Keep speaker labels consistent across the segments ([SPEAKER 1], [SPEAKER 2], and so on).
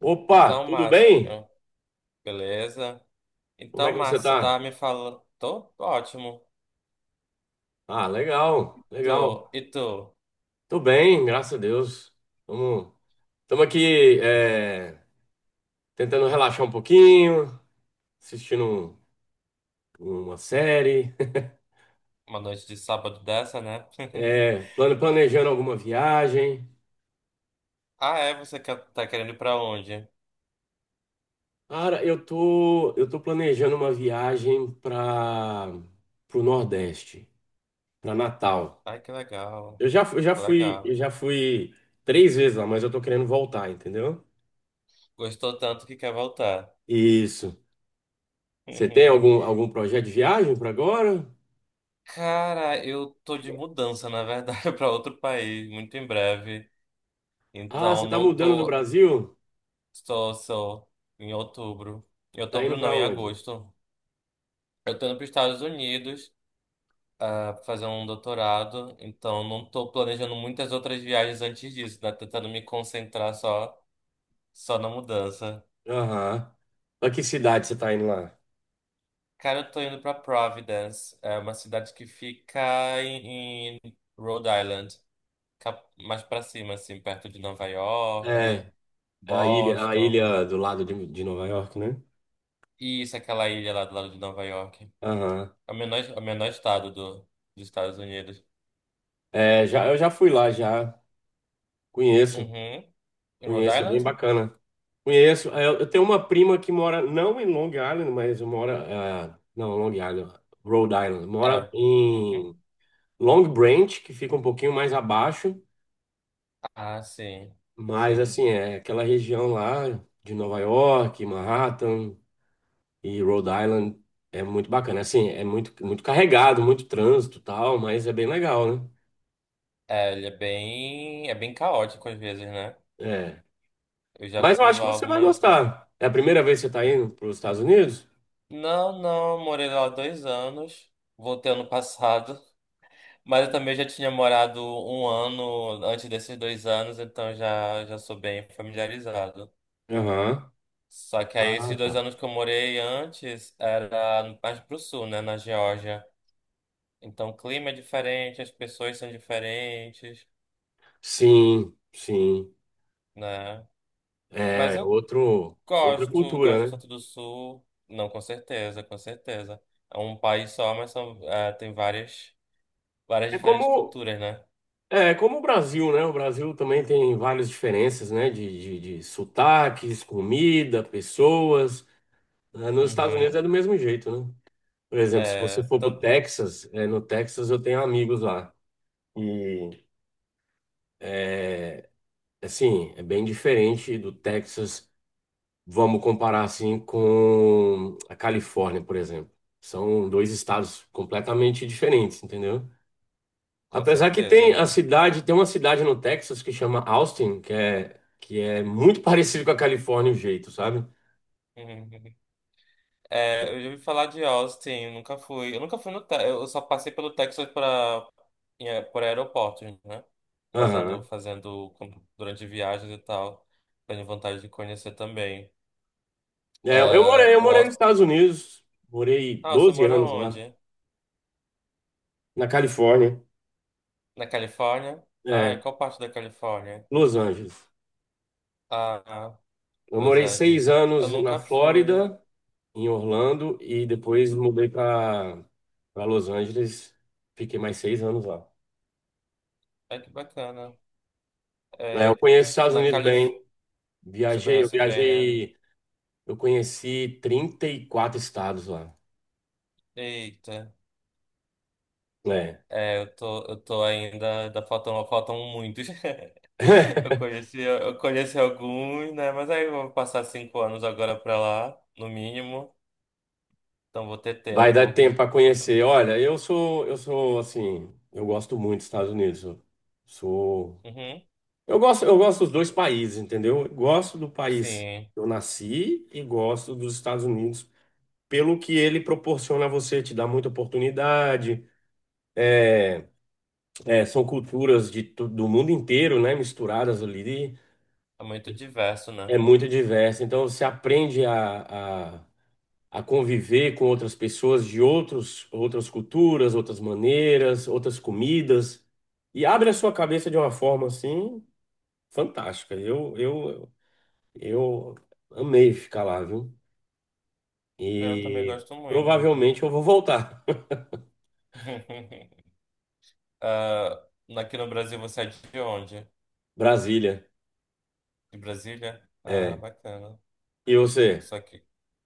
[SPEAKER 1] Opa,
[SPEAKER 2] Então,
[SPEAKER 1] tudo bem?
[SPEAKER 2] Márcio, beleza?
[SPEAKER 1] Como
[SPEAKER 2] Então,
[SPEAKER 1] é que você
[SPEAKER 2] Márcio, você tá
[SPEAKER 1] tá?
[SPEAKER 2] me falando. Tô ótimo.
[SPEAKER 1] Ah, legal, legal.
[SPEAKER 2] Tô, e tu?
[SPEAKER 1] Tô bem, graças a Deus. Tamo, tamo aqui, tentando relaxar um pouquinho, assistindo uma série,
[SPEAKER 2] Uma noite de sábado dessa, né?
[SPEAKER 1] planejando alguma viagem.
[SPEAKER 2] Ah, é? Tá querendo ir pra onde?
[SPEAKER 1] Cara, eu tô planejando uma viagem para pro Nordeste, para Natal.
[SPEAKER 2] Ai, que legal.
[SPEAKER 1] Eu já, fu- eu
[SPEAKER 2] Legal.
[SPEAKER 1] já fui três vezes lá, mas eu tô querendo voltar, entendeu?
[SPEAKER 2] Gostou tanto que quer voltar.
[SPEAKER 1] Isso. Você tem algum, algum projeto de viagem para agora?
[SPEAKER 2] Cara, eu tô de mudança, na verdade, pra outro país, muito em breve.
[SPEAKER 1] Ah,
[SPEAKER 2] Então,
[SPEAKER 1] você está
[SPEAKER 2] não
[SPEAKER 1] mudando do
[SPEAKER 2] tô.
[SPEAKER 1] Brasil?
[SPEAKER 2] Estou, só em outubro. Em
[SPEAKER 1] Tá indo
[SPEAKER 2] outubro, não,
[SPEAKER 1] para
[SPEAKER 2] em
[SPEAKER 1] onde?
[SPEAKER 2] agosto. Eu tô indo pros Estados Unidos. Pra fazer um doutorado, então não estou planejando muitas outras viagens antes disso, né? Tentando me concentrar só na mudança.
[SPEAKER 1] Aham. Para que cidade você está indo lá?
[SPEAKER 2] Cara, eu tô indo pra Providence, é uma cidade que fica em Rhode Island, mais pra cima, assim, perto de Nova York,
[SPEAKER 1] É, a ilha, a
[SPEAKER 2] Boston.
[SPEAKER 1] ilha do lado de Nova York, né?
[SPEAKER 2] E isso, aquela ilha lá do lado de Nova York.
[SPEAKER 1] Aham.
[SPEAKER 2] É o menor estado dos Estados Unidos.
[SPEAKER 1] É, já, eu já fui lá, já. Conheço,
[SPEAKER 2] Uhum. Em Rhode
[SPEAKER 1] conheço, é bem
[SPEAKER 2] Island?
[SPEAKER 1] bacana. Conheço. É, eu tenho uma prima que mora, não em Long Island, mas mora. É, não, Long Island, Rhode Island. Mora
[SPEAKER 2] É.
[SPEAKER 1] em
[SPEAKER 2] Uhum.
[SPEAKER 1] Long Branch, que fica um pouquinho mais abaixo.
[SPEAKER 2] Ah, sim.
[SPEAKER 1] Mas
[SPEAKER 2] Sim.
[SPEAKER 1] assim, é aquela região lá de Nova York, Manhattan e Rhode Island é muito bacana. Assim, é muito, muito carregado, muito trânsito e tal, mas é bem legal, né?
[SPEAKER 2] É, ele é bem caótico às vezes, né?
[SPEAKER 1] É.
[SPEAKER 2] Eu já
[SPEAKER 1] Mas eu
[SPEAKER 2] fui
[SPEAKER 1] acho que
[SPEAKER 2] lá
[SPEAKER 1] você vai
[SPEAKER 2] algumas vezes.
[SPEAKER 1] gostar. É a primeira vez que você está indo para os Estados Unidos?
[SPEAKER 2] Não, não, morei lá 2 anos. Voltei ano passado. Mas eu também já tinha morado um ano antes desses 2 anos, então já sou bem familiarizado.
[SPEAKER 1] Aham.
[SPEAKER 2] Só que aí esses
[SPEAKER 1] Ah,
[SPEAKER 2] dois
[SPEAKER 1] tá.
[SPEAKER 2] anos que eu morei antes era mais pro sul, né? Na Geórgia. Então o clima é diferente, as pessoas são diferentes,
[SPEAKER 1] Sim, sim.
[SPEAKER 2] né? Mas
[SPEAKER 1] É
[SPEAKER 2] eu
[SPEAKER 1] outro, outra
[SPEAKER 2] gosto
[SPEAKER 1] cultura,
[SPEAKER 2] do
[SPEAKER 1] né?
[SPEAKER 2] Santo do Sul. Não, com certeza, com certeza. É um país só, mas são, tem várias
[SPEAKER 1] É
[SPEAKER 2] diferentes
[SPEAKER 1] como,
[SPEAKER 2] culturas, né?
[SPEAKER 1] é como o Brasil, né? O Brasil também tem várias diferenças, né? De sotaques, comida, pessoas. É, nos Estados Unidos é
[SPEAKER 2] Uhum.
[SPEAKER 1] do mesmo jeito, né? Por exemplo, se você
[SPEAKER 2] É,
[SPEAKER 1] for pro Texas, no Texas eu tenho amigos lá. E, é, assim, é bem diferente do Texas, vamos comparar, assim, com a Califórnia, por exemplo. São dois estados completamente diferentes, entendeu?
[SPEAKER 2] com
[SPEAKER 1] Apesar que tem
[SPEAKER 2] certeza.
[SPEAKER 1] a cidade, tem uma cidade no Texas que chama Austin, que é muito parecido com a Califórnia, o jeito, sabe?
[SPEAKER 2] Uhum. É, eu já ouvi falar de Austin, eu nunca fui. Eu nunca fui no Texas, eu só passei pelo Texas para por aeroportos, né? Fazendo,
[SPEAKER 1] Aham.
[SPEAKER 2] fazendo durante viagens e tal. Tenho vontade de conhecer também.
[SPEAKER 1] É, eu morei,
[SPEAKER 2] Ah,
[SPEAKER 1] eu
[SPEAKER 2] o
[SPEAKER 1] morei nos
[SPEAKER 2] Austin.
[SPEAKER 1] Estados Unidos, morei
[SPEAKER 2] Ah, você
[SPEAKER 1] 12
[SPEAKER 2] mora
[SPEAKER 1] anos lá.
[SPEAKER 2] onde?
[SPEAKER 1] Na Califórnia,
[SPEAKER 2] Na Califórnia? Ah, e
[SPEAKER 1] é,
[SPEAKER 2] qual parte da Califórnia?
[SPEAKER 1] Los Angeles.
[SPEAKER 2] Ah,
[SPEAKER 1] Eu
[SPEAKER 2] Los
[SPEAKER 1] morei seis
[SPEAKER 2] Angeles. Eu
[SPEAKER 1] anos na
[SPEAKER 2] nunca fui.
[SPEAKER 1] Flórida, em Orlando, e depois mudei para Los Angeles. Fiquei mais 6 anos lá.
[SPEAKER 2] Ai, que bacana.
[SPEAKER 1] É, eu
[SPEAKER 2] É,
[SPEAKER 1] conheço os Estados
[SPEAKER 2] na
[SPEAKER 1] Unidos
[SPEAKER 2] Califórnia.
[SPEAKER 1] bem.
[SPEAKER 2] Você
[SPEAKER 1] Viajei, eu
[SPEAKER 2] conhece bem, né?
[SPEAKER 1] viajei, eu conheci 34 estados lá.
[SPEAKER 2] Eita.
[SPEAKER 1] É.
[SPEAKER 2] É, eu tô Ainda faltam muitos. Eu conheci, eu conheci alguns, né? Mas aí eu vou passar 5 anos agora pra lá, no mínimo. Então vou ter
[SPEAKER 1] Vai dar
[SPEAKER 2] tempo.
[SPEAKER 1] tempo para conhecer. Olha, eu sou assim, eu gosto muito dos Estados Unidos. Sou
[SPEAKER 2] Uhum,
[SPEAKER 1] eu gosto dos dois países, entendeu? Eu gosto do país
[SPEAKER 2] sim.
[SPEAKER 1] que eu nasci e gosto dos Estados Unidos pelo que ele proporciona a você, te dá muita oportunidade. É, São culturas do mundo inteiro, né, misturadas ali,
[SPEAKER 2] É muito diverso,
[SPEAKER 1] é
[SPEAKER 2] né?
[SPEAKER 1] muito diverso. Então você aprende a conviver com outras pessoas de outros, outras culturas, outras maneiras, outras comidas e abre a sua cabeça de uma forma assim fantástica. Eu amei ficar lá, viu?
[SPEAKER 2] Eu também
[SPEAKER 1] E
[SPEAKER 2] gosto muito.
[SPEAKER 1] provavelmente eu vou voltar.
[SPEAKER 2] Ah, aqui no Brasil você é de onde?
[SPEAKER 1] Brasília,
[SPEAKER 2] De Brasília? Ah,
[SPEAKER 1] é.
[SPEAKER 2] bacana.
[SPEAKER 1] E você?
[SPEAKER 2] Só que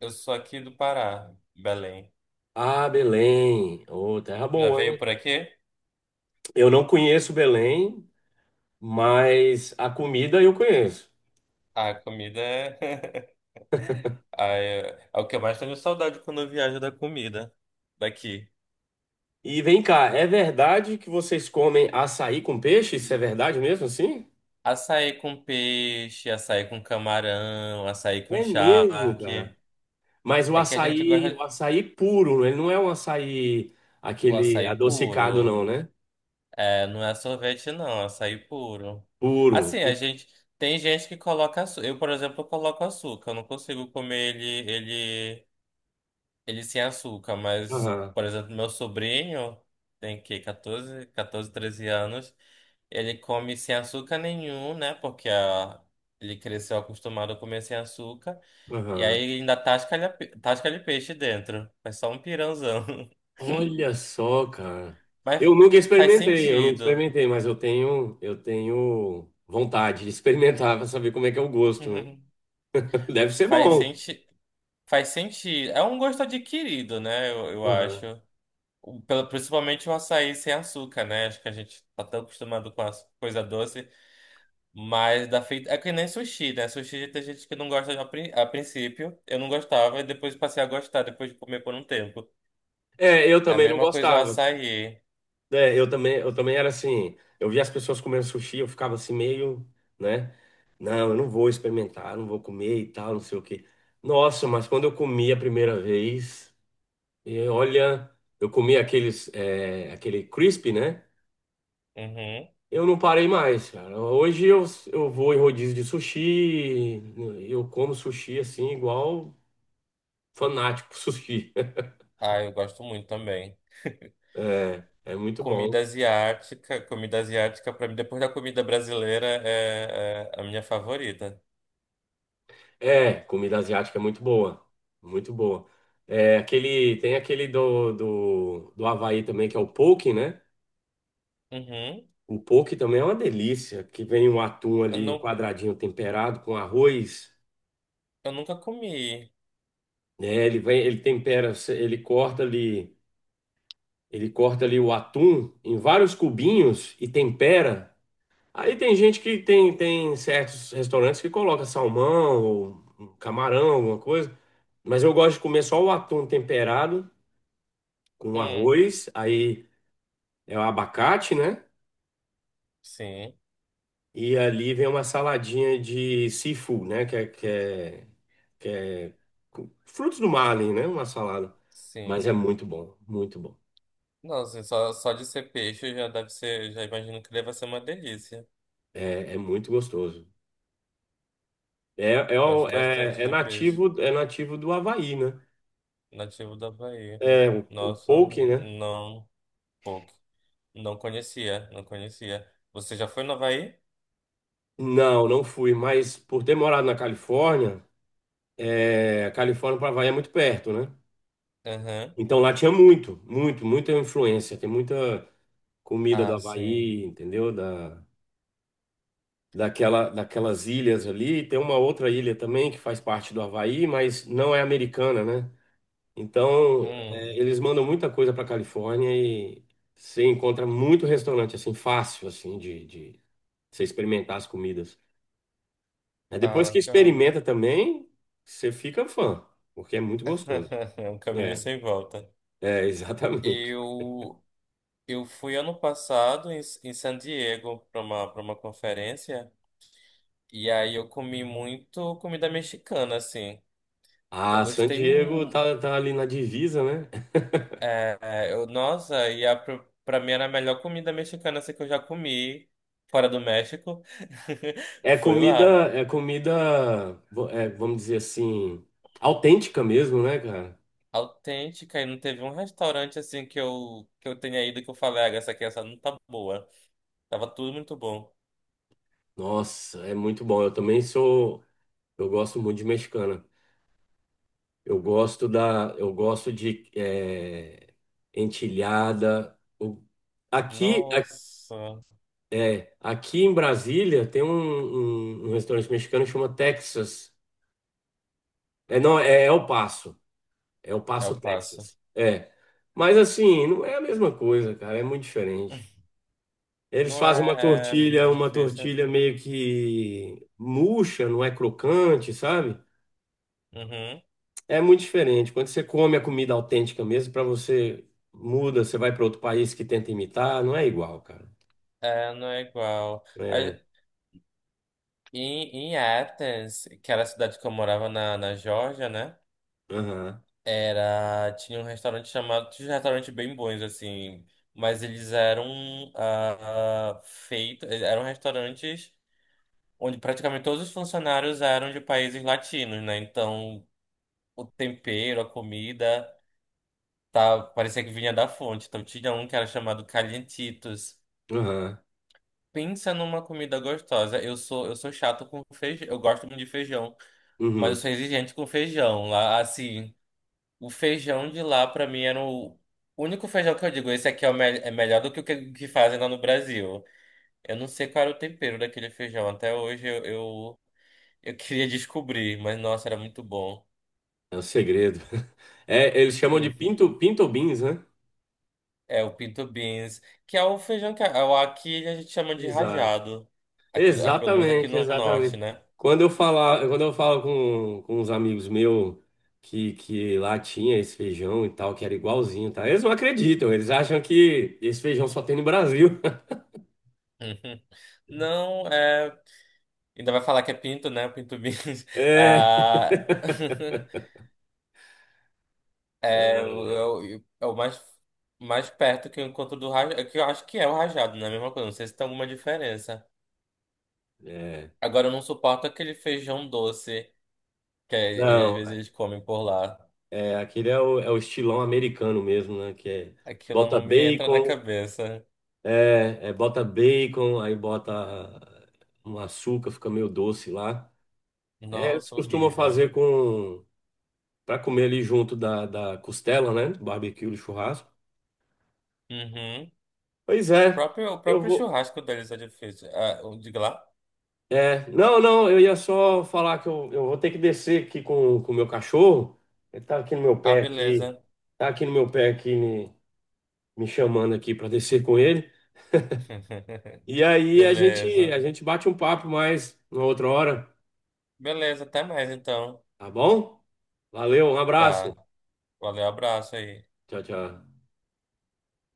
[SPEAKER 2] eu sou aqui do Pará, Belém.
[SPEAKER 1] Ah, Belém. Ô, terra
[SPEAKER 2] Já
[SPEAKER 1] boa,
[SPEAKER 2] veio
[SPEAKER 1] hein?
[SPEAKER 2] por aqui?
[SPEAKER 1] Eu não conheço Belém, mas a comida eu conheço.
[SPEAKER 2] Ah, a comida é. Ah, é o que eu mais tenho saudade quando eu viajo da comida daqui.
[SPEAKER 1] E vem cá, é verdade que vocês comem açaí com peixe? Isso é verdade mesmo assim?
[SPEAKER 2] Açaí com peixe, açaí com camarão, açaí com
[SPEAKER 1] É mesmo,
[SPEAKER 2] charque.
[SPEAKER 1] cara. Mas o
[SPEAKER 2] É que a gente
[SPEAKER 1] açaí,
[SPEAKER 2] gosta
[SPEAKER 1] o açaí puro, ele não é um açaí
[SPEAKER 2] o
[SPEAKER 1] aquele
[SPEAKER 2] açaí
[SPEAKER 1] adocicado,
[SPEAKER 2] puro.
[SPEAKER 1] não, né?
[SPEAKER 2] É, não é sorvete, não, é açaí puro.
[SPEAKER 1] Puro.
[SPEAKER 2] Assim, a gente. Tem gente que coloca açúcar. Eu, por exemplo, coloco açúcar. Eu não consigo comer ele sem açúcar. Mas,
[SPEAKER 1] Aham,
[SPEAKER 2] por exemplo, meu sobrinho tem que catorze 13 anos. Ele come sem açúcar nenhum, né? Porque ele cresceu acostumado a comer sem açúcar. E aí
[SPEAKER 1] aham.
[SPEAKER 2] ele ainda tasca-lhe peixe dentro. Faz só um pirãozão.
[SPEAKER 1] Olha só, cara.
[SPEAKER 2] Mas
[SPEAKER 1] Eu nunca
[SPEAKER 2] faz
[SPEAKER 1] experimentei, eu nunca
[SPEAKER 2] sentido.
[SPEAKER 1] experimentei, mas eu tenho vontade de experimentar para saber como é que é o gosto, né? Deve ser
[SPEAKER 2] Faz
[SPEAKER 1] bom.
[SPEAKER 2] sentido. Faz sentido. É um gosto adquirido, né? Eu acho.
[SPEAKER 1] Aham.
[SPEAKER 2] Principalmente o açaí sem açúcar, né? Acho que a gente tá tão acostumado com a coisa doce, mas da feita. É que nem sushi, né? Sushi tem gente que não gosta a princípio. Eu não gostava e depois passei a gostar, depois de comer por um tempo.
[SPEAKER 1] É, eu
[SPEAKER 2] É a
[SPEAKER 1] também não
[SPEAKER 2] mesma coisa o
[SPEAKER 1] gostava.
[SPEAKER 2] açaí.
[SPEAKER 1] É, eu também era assim, eu via as pessoas comendo sushi, eu ficava assim meio, né? Não, eu não vou experimentar, eu não vou comer e tal, não sei o quê. Nossa, mas quando eu comi a primeira vez, e olha, eu comi aqueles, aquele crisp, né?
[SPEAKER 2] Uhum.
[SPEAKER 1] Eu não parei mais, cara. Hoje eu vou em rodízio de sushi, eu como sushi assim, igual fanático por sushi.
[SPEAKER 2] Ah, eu gosto muito também.
[SPEAKER 1] É, é muito
[SPEAKER 2] Comida
[SPEAKER 1] bom.
[SPEAKER 2] asiática. Comida asiática, pra mim, depois da comida brasileira, é a minha favorita.
[SPEAKER 1] É, comida asiática é muito boa. Muito boa. É, aquele, tem aquele do Havaí também, que é o poke, né?
[SPEAKER 2] Uhum.
[SPEAKER 1] O poke também é uma delícia, que vem um atum
[SPEAKER 2] Eu
[SPEAKER 1] ali em
[SPEAKER 2] não,
[SPEAKER 1] quadradinho temperado com arroz,
[SPEAKER 2] eu nunca comi.
[SPEAKER 1] né? Ele vem, ele tempera, ele corta ali. Ele corta ali o atum em vários cubinhos e tempera. Aí tem gente que tem certos restaurantes que coloca salmão ou um camarão, alguma coisa. Mas eu gosto de comer só o atum temperado com
[SPEAKER 2] Hum,
[SPEAKER 1] arroz, aí é o abacate, né?
[SPEAKER 2] sim,
[SPEAKER 1] E ali vem uma saladinha de seafood, né? Que é Frutos do mar ali, né? Uma salada. Mas
[SPEAKER 2] sim.
[SPEAKER 1] é muito bom, muito bom.
[SPEAKER 2] Não, assim, só de ser peixe já deve ser, já imagino que deve ser uma delícia.
[SPEAKER 1] É, é muito gostoso.
[SPEAKER 2] Gosto bastante de peixe
[SPEAKER 1] É nativo do Havaí, né?
[SPEAKER 2] nativo da Bahia.
[SPEAKER 1] É, o
[SPEAKER 2] Nossa,
[SPEAKER 1] poke, né?
[SPEAKER 2] não, pouco. Não conhecia, não conhecia. Você já foi no Havaí?
[SPEAKER 1] Não, não fui, mas por ter morado na Califórnia, Califórnia para Havaí é muito perto, né?
[SPEAKER 2] Aham.
[SPEAKER 1] Então lá tinha muito, muito, muita influência. Tem muita comida do
[SPEAKER 2] Ah, sim.
[SPEAKER 1] Havaí, entendeu? Daquelas ilhas ali. Tem uma outra ilha também que faz parte do Havaí, mas não é americana, né? Então,
[SPEAKER 2] Hum,
[SPEAKER 1] eles mandam muita coisa para Califórnia e você encontra muito restaurante, assim, fácil, assim, de você experimentar as comidas. Aí
[SPEAKER 2] ah,
[SPEAKER 1] depois que
[SPEAKER 2] legal.
[SPEAKER 1] experimenta também, você fica fã, porque é muito gostoso.
[SPEAKER 2] É um caminho
[SPEAKER 1] É,
[SPEAKER 2] sem volta.
[SPEAKER 1] exatamente.
[SPEAKER 2] Eu, eu fui ano passado em, em San Diego para uma conferência. E aí eu comi muito comida mexicana, assim. Eu
[SPEAKER 1] Ah, San
[SPEAKER 2] gostei.
[SPEAKER 1] Diego tá ali na divisa, né?
[SPEAKER 2] É, nossa, pra mim era a melhor comida mexicana assim, que eu já comi fora do México.
[SPEAKER 1] É
[SPEAKER 2] Foi
[SPEAKER 1] comida,
[SPEAKER 2] lá.
[SPEAKER 1] é comida, vamos dizer assim, autêntica mesmo, né, cara?
[SPEAKER 2] Autêntica, e não teve um restaurante assim que eu tenha ido que eu falei, ah, essa aqui essa não tá boa. Tava tudo muito bom.
[SPEAKER 1] Nossa, é muito bom. Eu gosto muito de mexicana. Eu gosto de entilhada. Aqui,
[SPEAKER 2] Nossa,
[SPEAKER 1] aqui em Brasília tem um restaurante mexicano que chama Texas. É, não, é El Paso. É El
[SPEAKER 2] eu
[SPEAKER 1] Paso,
[SPEAKER 2] faço.
[SPEAKER 1] Texas. É. Mas assim, não é a mesma coisa, cara. É muito diferente. Eles
[SPEAKER 2] Não
[SPEAKER 1] fazem uma
[SPEAKER 2] é
[SPEAKER 1] tortilha,
[SPEAKER 2] muito
[SPEAKER 1] uma
[SPEAKER 2] difícil.
[SPEAKER 1] tortilha meio que murcha, não é crocante, sabe?
[SPEAKER 2] Uhum.
[SPEAKER 1] É muito diferente. Quando você come a comida autêntica mesmo, para você muda, você vai para outro país que tenta imitar, não é igual, cara.
[SPEAKER 2] É, não é igual.
[SPEAKER 1] É,
[SPEAKER 2] E em Athens, que era a cidade que eu morava na Geórgia, né?
[SPEAKER 1] aham,
[SPEAKER 2] Tinha um restaurante bem bons, assim, mas eles eram eram restaurantes onde praticamente todos os funcionários eram de países latinos, né? Então, o tempero, a comida, tá, parecia que vinha da fonte. Então, tinha um que era chamado Calientitos.
[SPEAKER 1] aham,
[SPEAKER 2] Pensa numa comida gostosa. Eu sou chato com feijão, eu gosto muito de feijão. Mas eu
[SPEAKER 1] uhum,
[SPEAKER 2] sou exigente com feijão lá. Assim, o feijão de lá pra mim era o único feijão que eu digo. Esse aqui é melhor do que o que fazem lá no Brasil. Eu não sei qual era o tempero daquele feijão. Até hoje eu queria descobrir, mas nossa, era muito bom.
[SPEAKER 1] é o segredo. É, eles chamam de pinto beans, né?
[SPEAKER 2] É o pinto beans, que é o feijão aqui a gente chama de
[SPEAKER 1] Exato.
[SPEAKER 2] rajado. Pelo menos aqui
[SPEAKER 1] Exatamente,
[SPEAKER 2] no norte,
[SPEAKER 1] exatamente.
[SPEAKER 2] né?
[SPEAKER 1] Quando eu falo com uns amigos meus que lá tinha esse feijão e tal, que era igualzinho, tá? Eles não acreditam, eles acham que esse feijão só tem no Brasil.
[SPEAKER 2] Uhum. Não, é. Ainda vai falar que é pinto, né? Pinto beans.
[SPEAKER 1] É,
[SPEAKER 2] Ah. É o mais perto que eu encontro do rajado, que eu acho que é o rajado, não é a mesma coisa, não sei se tem alguma diferença.
[SPEAKER 1] é.
[SPEAKER 2] Agora eu não suporto aquele feijão doce, que é, ele, às
[SPEAKER 1] Não,
[SPEAKER 2] vezes eles comem por lá.
[SPEAKER 1] é, aquele é o estilão americano mesmo, né? Que é
[SPEAKER 2] Aquilo
[SPEAKER 1] bota
[SPEAKER 2] não me entra na
[SPEAKER 1] bacon,
[SPEAKER 2] cabeça.
[SPEAKER 1] bota bacon, aí bota um açúcar, fica meio doce lá. É, eles
[SPEAKER 2] Nossa,
[SPEAKER 1] costumam
[SPEAKER 2] horrível.
[SPEAKER 1] fazer com para comer ali junto da costela, né? Do barbecue, do churrasco.
[SPEAKER 2] Uhum.
[SPEAKER 1] Pois
[SPEAKER 2] O
[SPEAKER 1] é,
[SPEAKER 2] próprio, o
[SPEAKER 1] eu
[SPEAKER 2] próprio
[SPEAKER 1] vou.
[SPEAKER 2] churrasco deles é difícil. Ah, diga lá.
[SPEAKER 1] É, não, não, eu ia só falar que eu vou ter que descer aqui com o meu cachorro. Ele tá aqui no meu
[SPEAKER 2] Ah,
[SPEAKER 1] pé aqui,
[SPEAKER 2] beleza.
[SPEAKER 1] tá aqui no meu pé aqui me, me chamando aqui para descer com ele. E aí a gente,
[SPEAKER 2] Beleza.
[SPEAKER 1] a gente bate um papo mais uma outra hora,
[SPEAKER 2] Beleza, até mais então.
[SPEAKER 1] tá bom? Valeu, um
[SPEAKER 2] Tá.
[SPEAKER 1] abraço.
[SPEAKER 2] Valeu, abraço aí.
[SPEAKER 1] Tchau, tchau.